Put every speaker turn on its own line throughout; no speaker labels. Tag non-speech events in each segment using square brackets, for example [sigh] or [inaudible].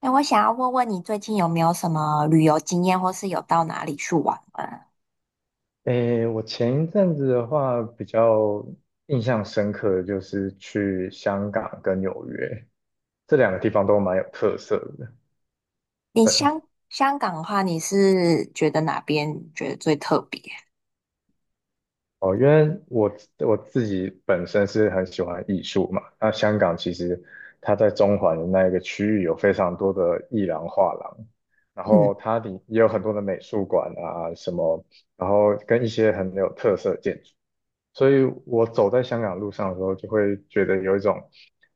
哎，我想要问问你，最近有没有什么旅游经验，或是有到哪里去玩吗？
诶，我前一阵子的话，比较印象深刻的就是去香港跟纽约这两个地方都蛮有特色的
你香香港的话，你是觉得哪边觉得最特别？
哦。因为我自己本身是很喜欢艺术嘛，那香港其实它在中环的那一个区域有非常多的艺廊、画廊，然
嗯，
后它里也有很多的美术馆啊什么，然后跟一些很有特色的建筑。所以我走在香港路上的时候，就会觉得有一种，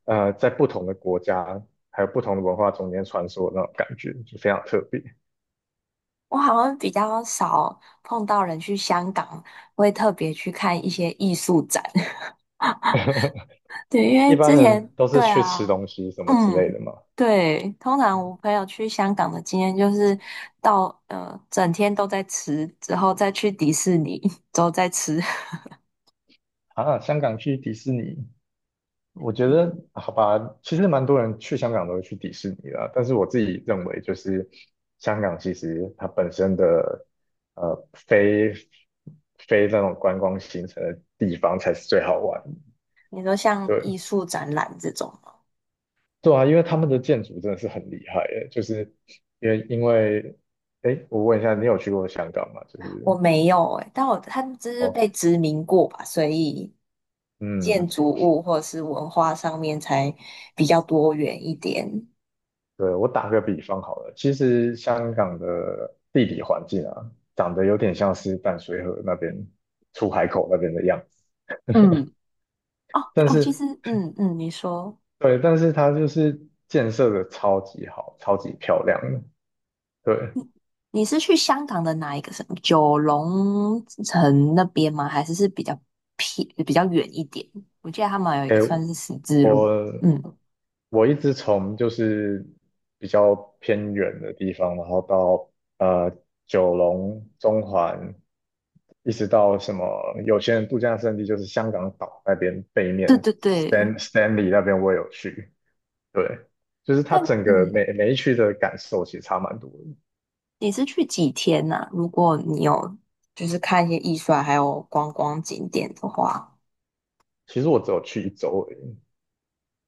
在不同的国家还有不同的文化中间穿梭的那种感觉，就非常特别。
我好像比较少碰到人去香港，会特别去看一些艺术展。[laughs] 对，因
一
为
般
之
人
前
都是
对
去吃
啊，
东西什么之类
嗯，
的嘛，
对，通常我朋友去香港的经验就是到整天都在吃，之后再去迪士尼，之后再吃。
啊，香港去迪士尼，我觉得好吧，其实蛮多人去香港都会去迪士尼啦，但是我自己认为就是香港其实它本身的呃非非那种观光行程的地方才是最好玩
[laughs] 你说像艺
的。
术展览这种。
对啊，因为他们的建筑真的是很厉害诶，就是因为因为，哎，我问一下，你有去过香港吗？就是
我没有诶、但我他们就是
哦，
被殖民过吧，所以
嗯，
建筑物或者是文化上面才比较多元一点。
对，我打个比方好了，其实香港的地理环境啊，长得有点像是淡水河那边出海口那边的样子，
嗯，哦，对
但
我其
是
实，嗯嗯，你说
对，但是它就是建设的超级好，超级漂亮的。对，
你是去香港的哪一个什么九龙城那边吗？还是是比较偏比较远一点？我记得他们有一
哎，
个算是十字路，
我
嗯，
我一直从就是比较偏远的地方，然后到呃九龙、中环，一直到什么有些人度假胜地就是香港岛那边背
对
面
对对，
Stanley 那边我也有去，对，就是它
但
整个
嗯。
每一区的感受其实差蛮多的。
你是去几天呐、如果你有就是看一些艺术啊，还有观光景点的话，
其实我只有去一周而已，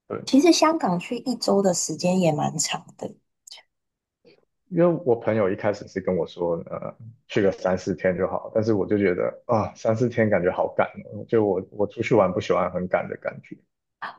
对。
其实香港去一周的时间也蛮长的。
因为我朋友一开始是跟我说，去个三四天就好，但是我就觉得啊，三四天感觉好赶哦，就我出去玩不喜欢很赶的感觉，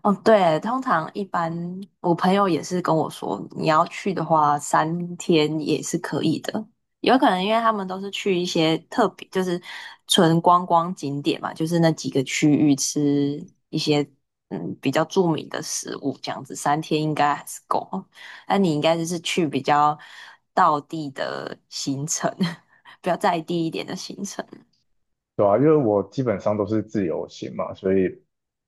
哦，对，通常一般我朋友也是跟我说，你要去的话，三天也是可以的。有可能因为他们都是去一些特别，就是纯观光景点嘛，就是那几个区域吃一些比较著名的食物，这样子三天应该还是够。[laughs] 那你应该就是去比较到地的行程，[laughs] 比较在地一点的行程。
对啊，因为我基本上都是自由行嘛，所以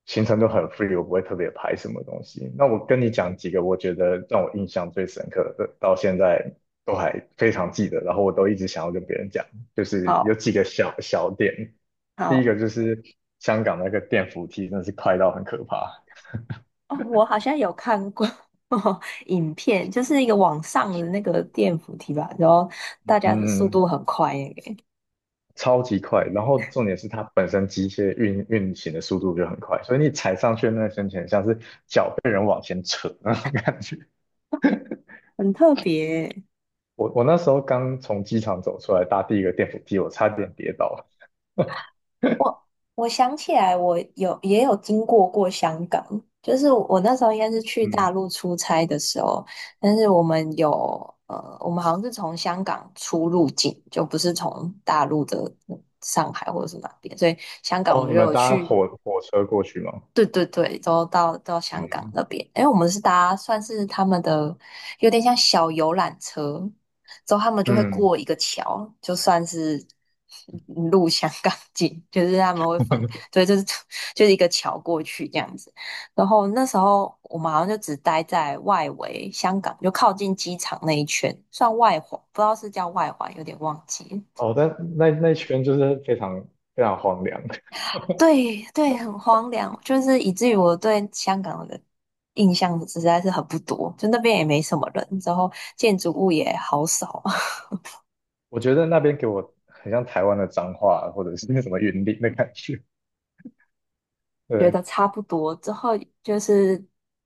行程都很 free，我不会特别排什么东西。那我跟你讲几个我觉得让我印象最深刻的，到现在都还非常记得，然后我都一直想要跟别人讲，就是有
好
几个小小点，第一
好。
个就是香港那个电扶梯真的是快到很可怕。
哦，我好像有看过 [laughs] 影片，就是一个网上的那个电扶梯吧，然后大家的速
嗯，
度很快耶，
超级快，然后重点是它本身机械运行的速度就很快，所以你踩上去的那个瞬间，像是脚被人往前扯那种感觉。
很特别耶
我那时候刚从机场走出来，搭第一个电扶梯，我差点跌倒了。
我我想起来，我也有经过过香港，就是我那时候应该是去
嗯，
大陆出差的时候，但是我们有我们好像是从香港出入境，就不是从大陆的上海或者是哪边，所以香港我
哦，你
们就
们
有
搭
去。
火车过去吗？
对对对，都到香港
嗯
那边，因为我们是搭算是他们的有点像小游览车，之后他们就会
嗯，
过一个桥，就算是入香港境，就是他们会分，对，就是 [laughs] 就是一个桥过去这样子。然后那时候我们好像就只待在外围香港，就靠近机场那一圈，算外环，不知道是叫外环，有点忘记了。
哦，但那圈就是非常非常荒凉，[laughs]
对对，很荒凉，就是以至于我对香港的印象实在是很不多，就那边也没什么人，之后建筑物也好少，[laughs]
我觉得那边给我很像台湾的彰化或者是那什么云林的感觉。
觉
对，
得差不多。之后就是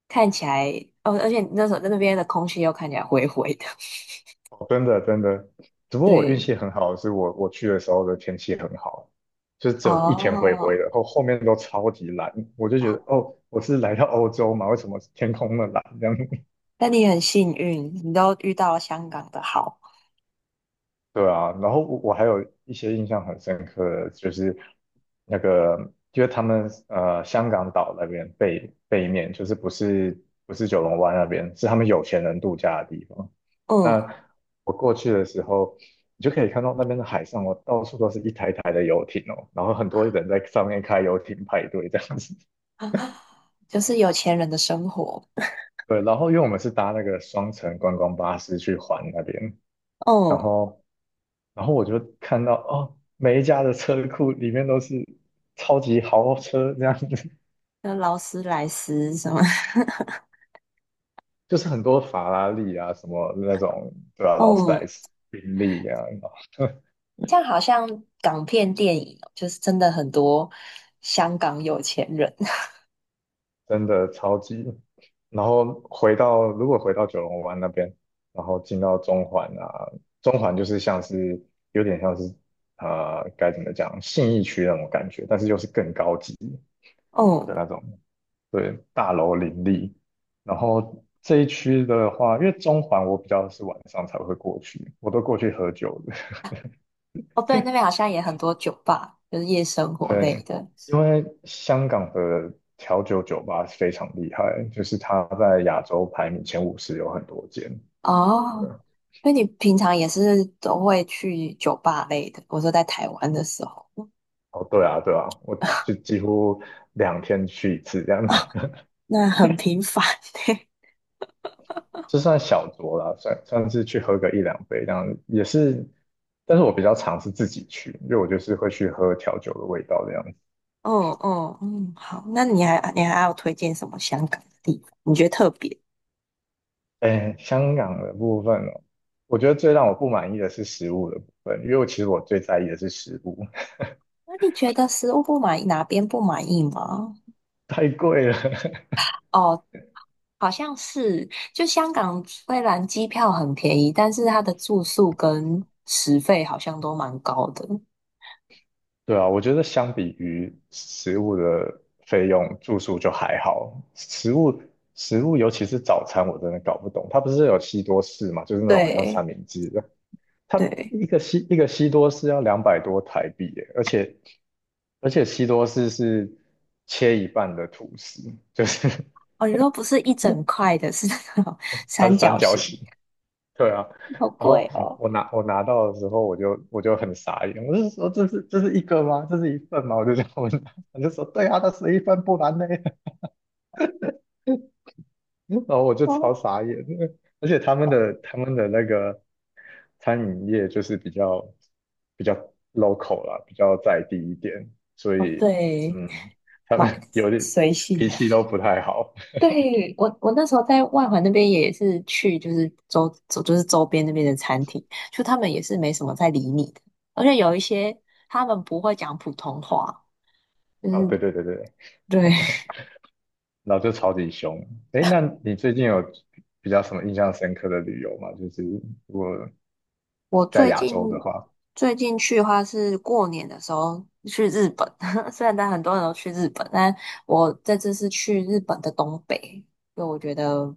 看起来，哦，而且那时候在那边的空气又看起来灰灰的。[laughs]
哦，真的真的，只不过我运
对，
气很好，是我去的时候的天气很好，就是只有一天灰灰
哦，
的，然后后面都超级蓝，我就觉得哦，我是来到欧洲嘛，为什么天空那么蓝这样？
那你很幸运，你都遇到了香港的好，
对啊，然后我还有一些印象很深刻的，就是那个，因是他们香港岛那边背面，就是不是九龙湾那边，是他们有钱人度假的地方。
嗯，
那我过去的时候，你就可以看到那边的海上哦，到处都是一台台的游艇哦，然后很多人在上面开游艇派对这样子。[laughs]
[laughs] 就是有钱人的生活，
对，然后因为我们是搭那个双层观光巴士去环那边，然
嗯，
后。然后我就看到哦，每一家的车库里面都是超级豪车这样子，
那劳斯莱斯什么，
[laughs] 就是很多法拉利啊，什么那种，对吧？
[laughs] 嗯。
劳斯莱斯、宾利啊，
像好像港片电影哦就是真的很多香港有钱人。[laughs]
真的超级。然后回到如果回到九龙湾那边，然后进到中环啊，中环就是像是有点像是该怎么讲信义区那种感觉，但是又是更高级。
哦
的那种，对，大楼林立。然后这一区的话，因为中环我比较是晚上才会过去，我都过去喝酒的。
哦，对，那边好像也很多酒吧，就是夜生
[laughs] 对，
活类
对
的。
因为香港的调酒酒吧非常厉害，就是它在亚洲排名前50有很多间。对，
哦，那你平常也是都会去酒吧类的？我说在台湾的时候，
哦，对啊，对啊，我就几乎2天去一次这样子。
那很频繁。[laughs]
这算小酌啦，算是去喝个一两杯这样，也是，但是我比较常是自己去，因为我就是会去喝调酒的味道这样子。
嗯嗯嗯，好，那你还要推荐什么香港的地方？你觉得特别？
哎，香港的部分哦，我觉得最让我不满意的是食物的部分，因为我其实我最在意的是食物，
那你觉得食物不满意，哪边不满意吗？
[laughs] 太贵了。[laughs]
哦，好像是，就香港虽然机票很便宜，但是它的住宿跟食费好像都蛮高的。
对啊，我觉得相比于食物的费用，住宿就还好。食物，尤其是早餐，我真的搞不懂，它不是有西多士嘛，就是那种很像三
对
明治的。它
对，
一个西多士要200多台币耶，而且西多士是切一半的吐司，就是 [laughs]
哦，你说不是一整块的，是那种 [laughs]
它是
三
三
角
角形，
形，
对啊。
好
然后
贵哦。
我拿到的时候，我就很傻眼，我就说这是一个吗？这是一份吗？我就这样问他，我就说对啊，它是一份，不然呢？[laughs] 然后我就超
哦，
傻眼的，而且他们的那个餐饮业就是比较 local 啦，比较在地一点，所
哦，
以
对，
嗯，他
买
们 [laughs] 有点
随性。
脾气都不太好。
对，我那时候在外环那边也是去，就是周周就是周边那边的餐厅，就他们也是没什么在理你的，而且有一些他们不会讲普通话，就是
哦，对对对对，
对，
然后就超级凶。哎，那你最近有比较什么印象深刻的旅游吗？就是如果
[laughs] 我
在
最
亚
近
洲的话，
最近去的话是过年的时候去日本，[laughs] 虽然但很多人都去日本，但我这次是去日本的东北，因为我觉得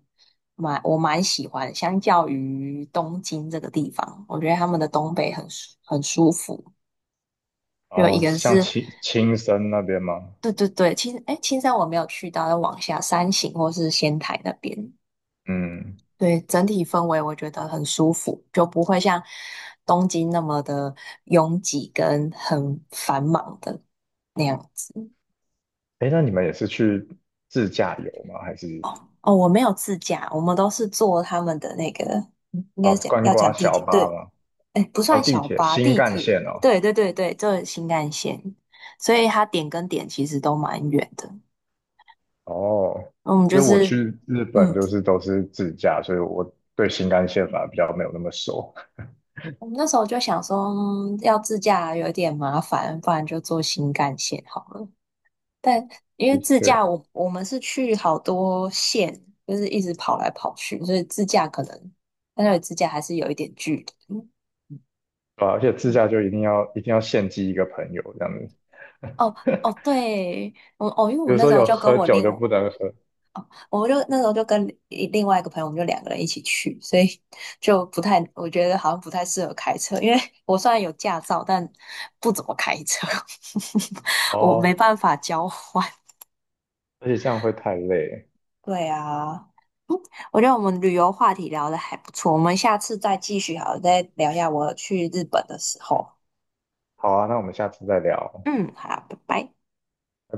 蛮喜欢，相较于东京这个地方，我觉得他们的东北很舒服。
然
就一
后
个
像
是，
青森那边吗？
对对对，青山我没有去到，要往下山形或是仙台那边，
嗯，
对，整体氛围我觉得很舒服，就不会像东京那么的拥挤跟很繁忙的那样子。
哎，那你们也是去自驾游吗？还是？
哦，我没有自驾，我们都是坐他们的那个，嗯应该
哦，
是讲
观
要
光
讲地
小
铁，
巴
对，
吗？
哎，不
哦，
算
地
小
铁
巴，
新
地
干
铁，
线哦。
对对对对，就是新干线，所以它点跟点其实都蛮远的。
哦，
我们
因
就
为我
是，
去日本
嗯，
就是都是自驾，所以我对新干线反而比较没有那么熟。
我们那时候就想说，嗯要自驾有点麻烦，不然就坐新干线好了。但因为
的
自
确，
驾我，我们是去好多县，就是一直跑来跑去，所以自驾可能，但那里自驾还是有一点距离。
对啊而且自
嗯
驾就一定要献祭一个朋友这样子，
哦哦，对，因为我
比
们
如
那
说
时候
有
就跟
喝
我
酒
另，
就不能喝。
那时候就跟另外一个朋友，我们就两个人一起去，所以就不太，我觉得好像不太适合开车，因为 [laughs] 我虽然有驾照，但不怎么开车，[laughs] 我
哦，
没办法交换。
而且这样会太累。
对啊，我觉得我们旅游话题聊的还不错，我们下次再继续好了再聊一下我去日本的时候。
好啊，那我们下次再聊。
嗯，好，拜拜。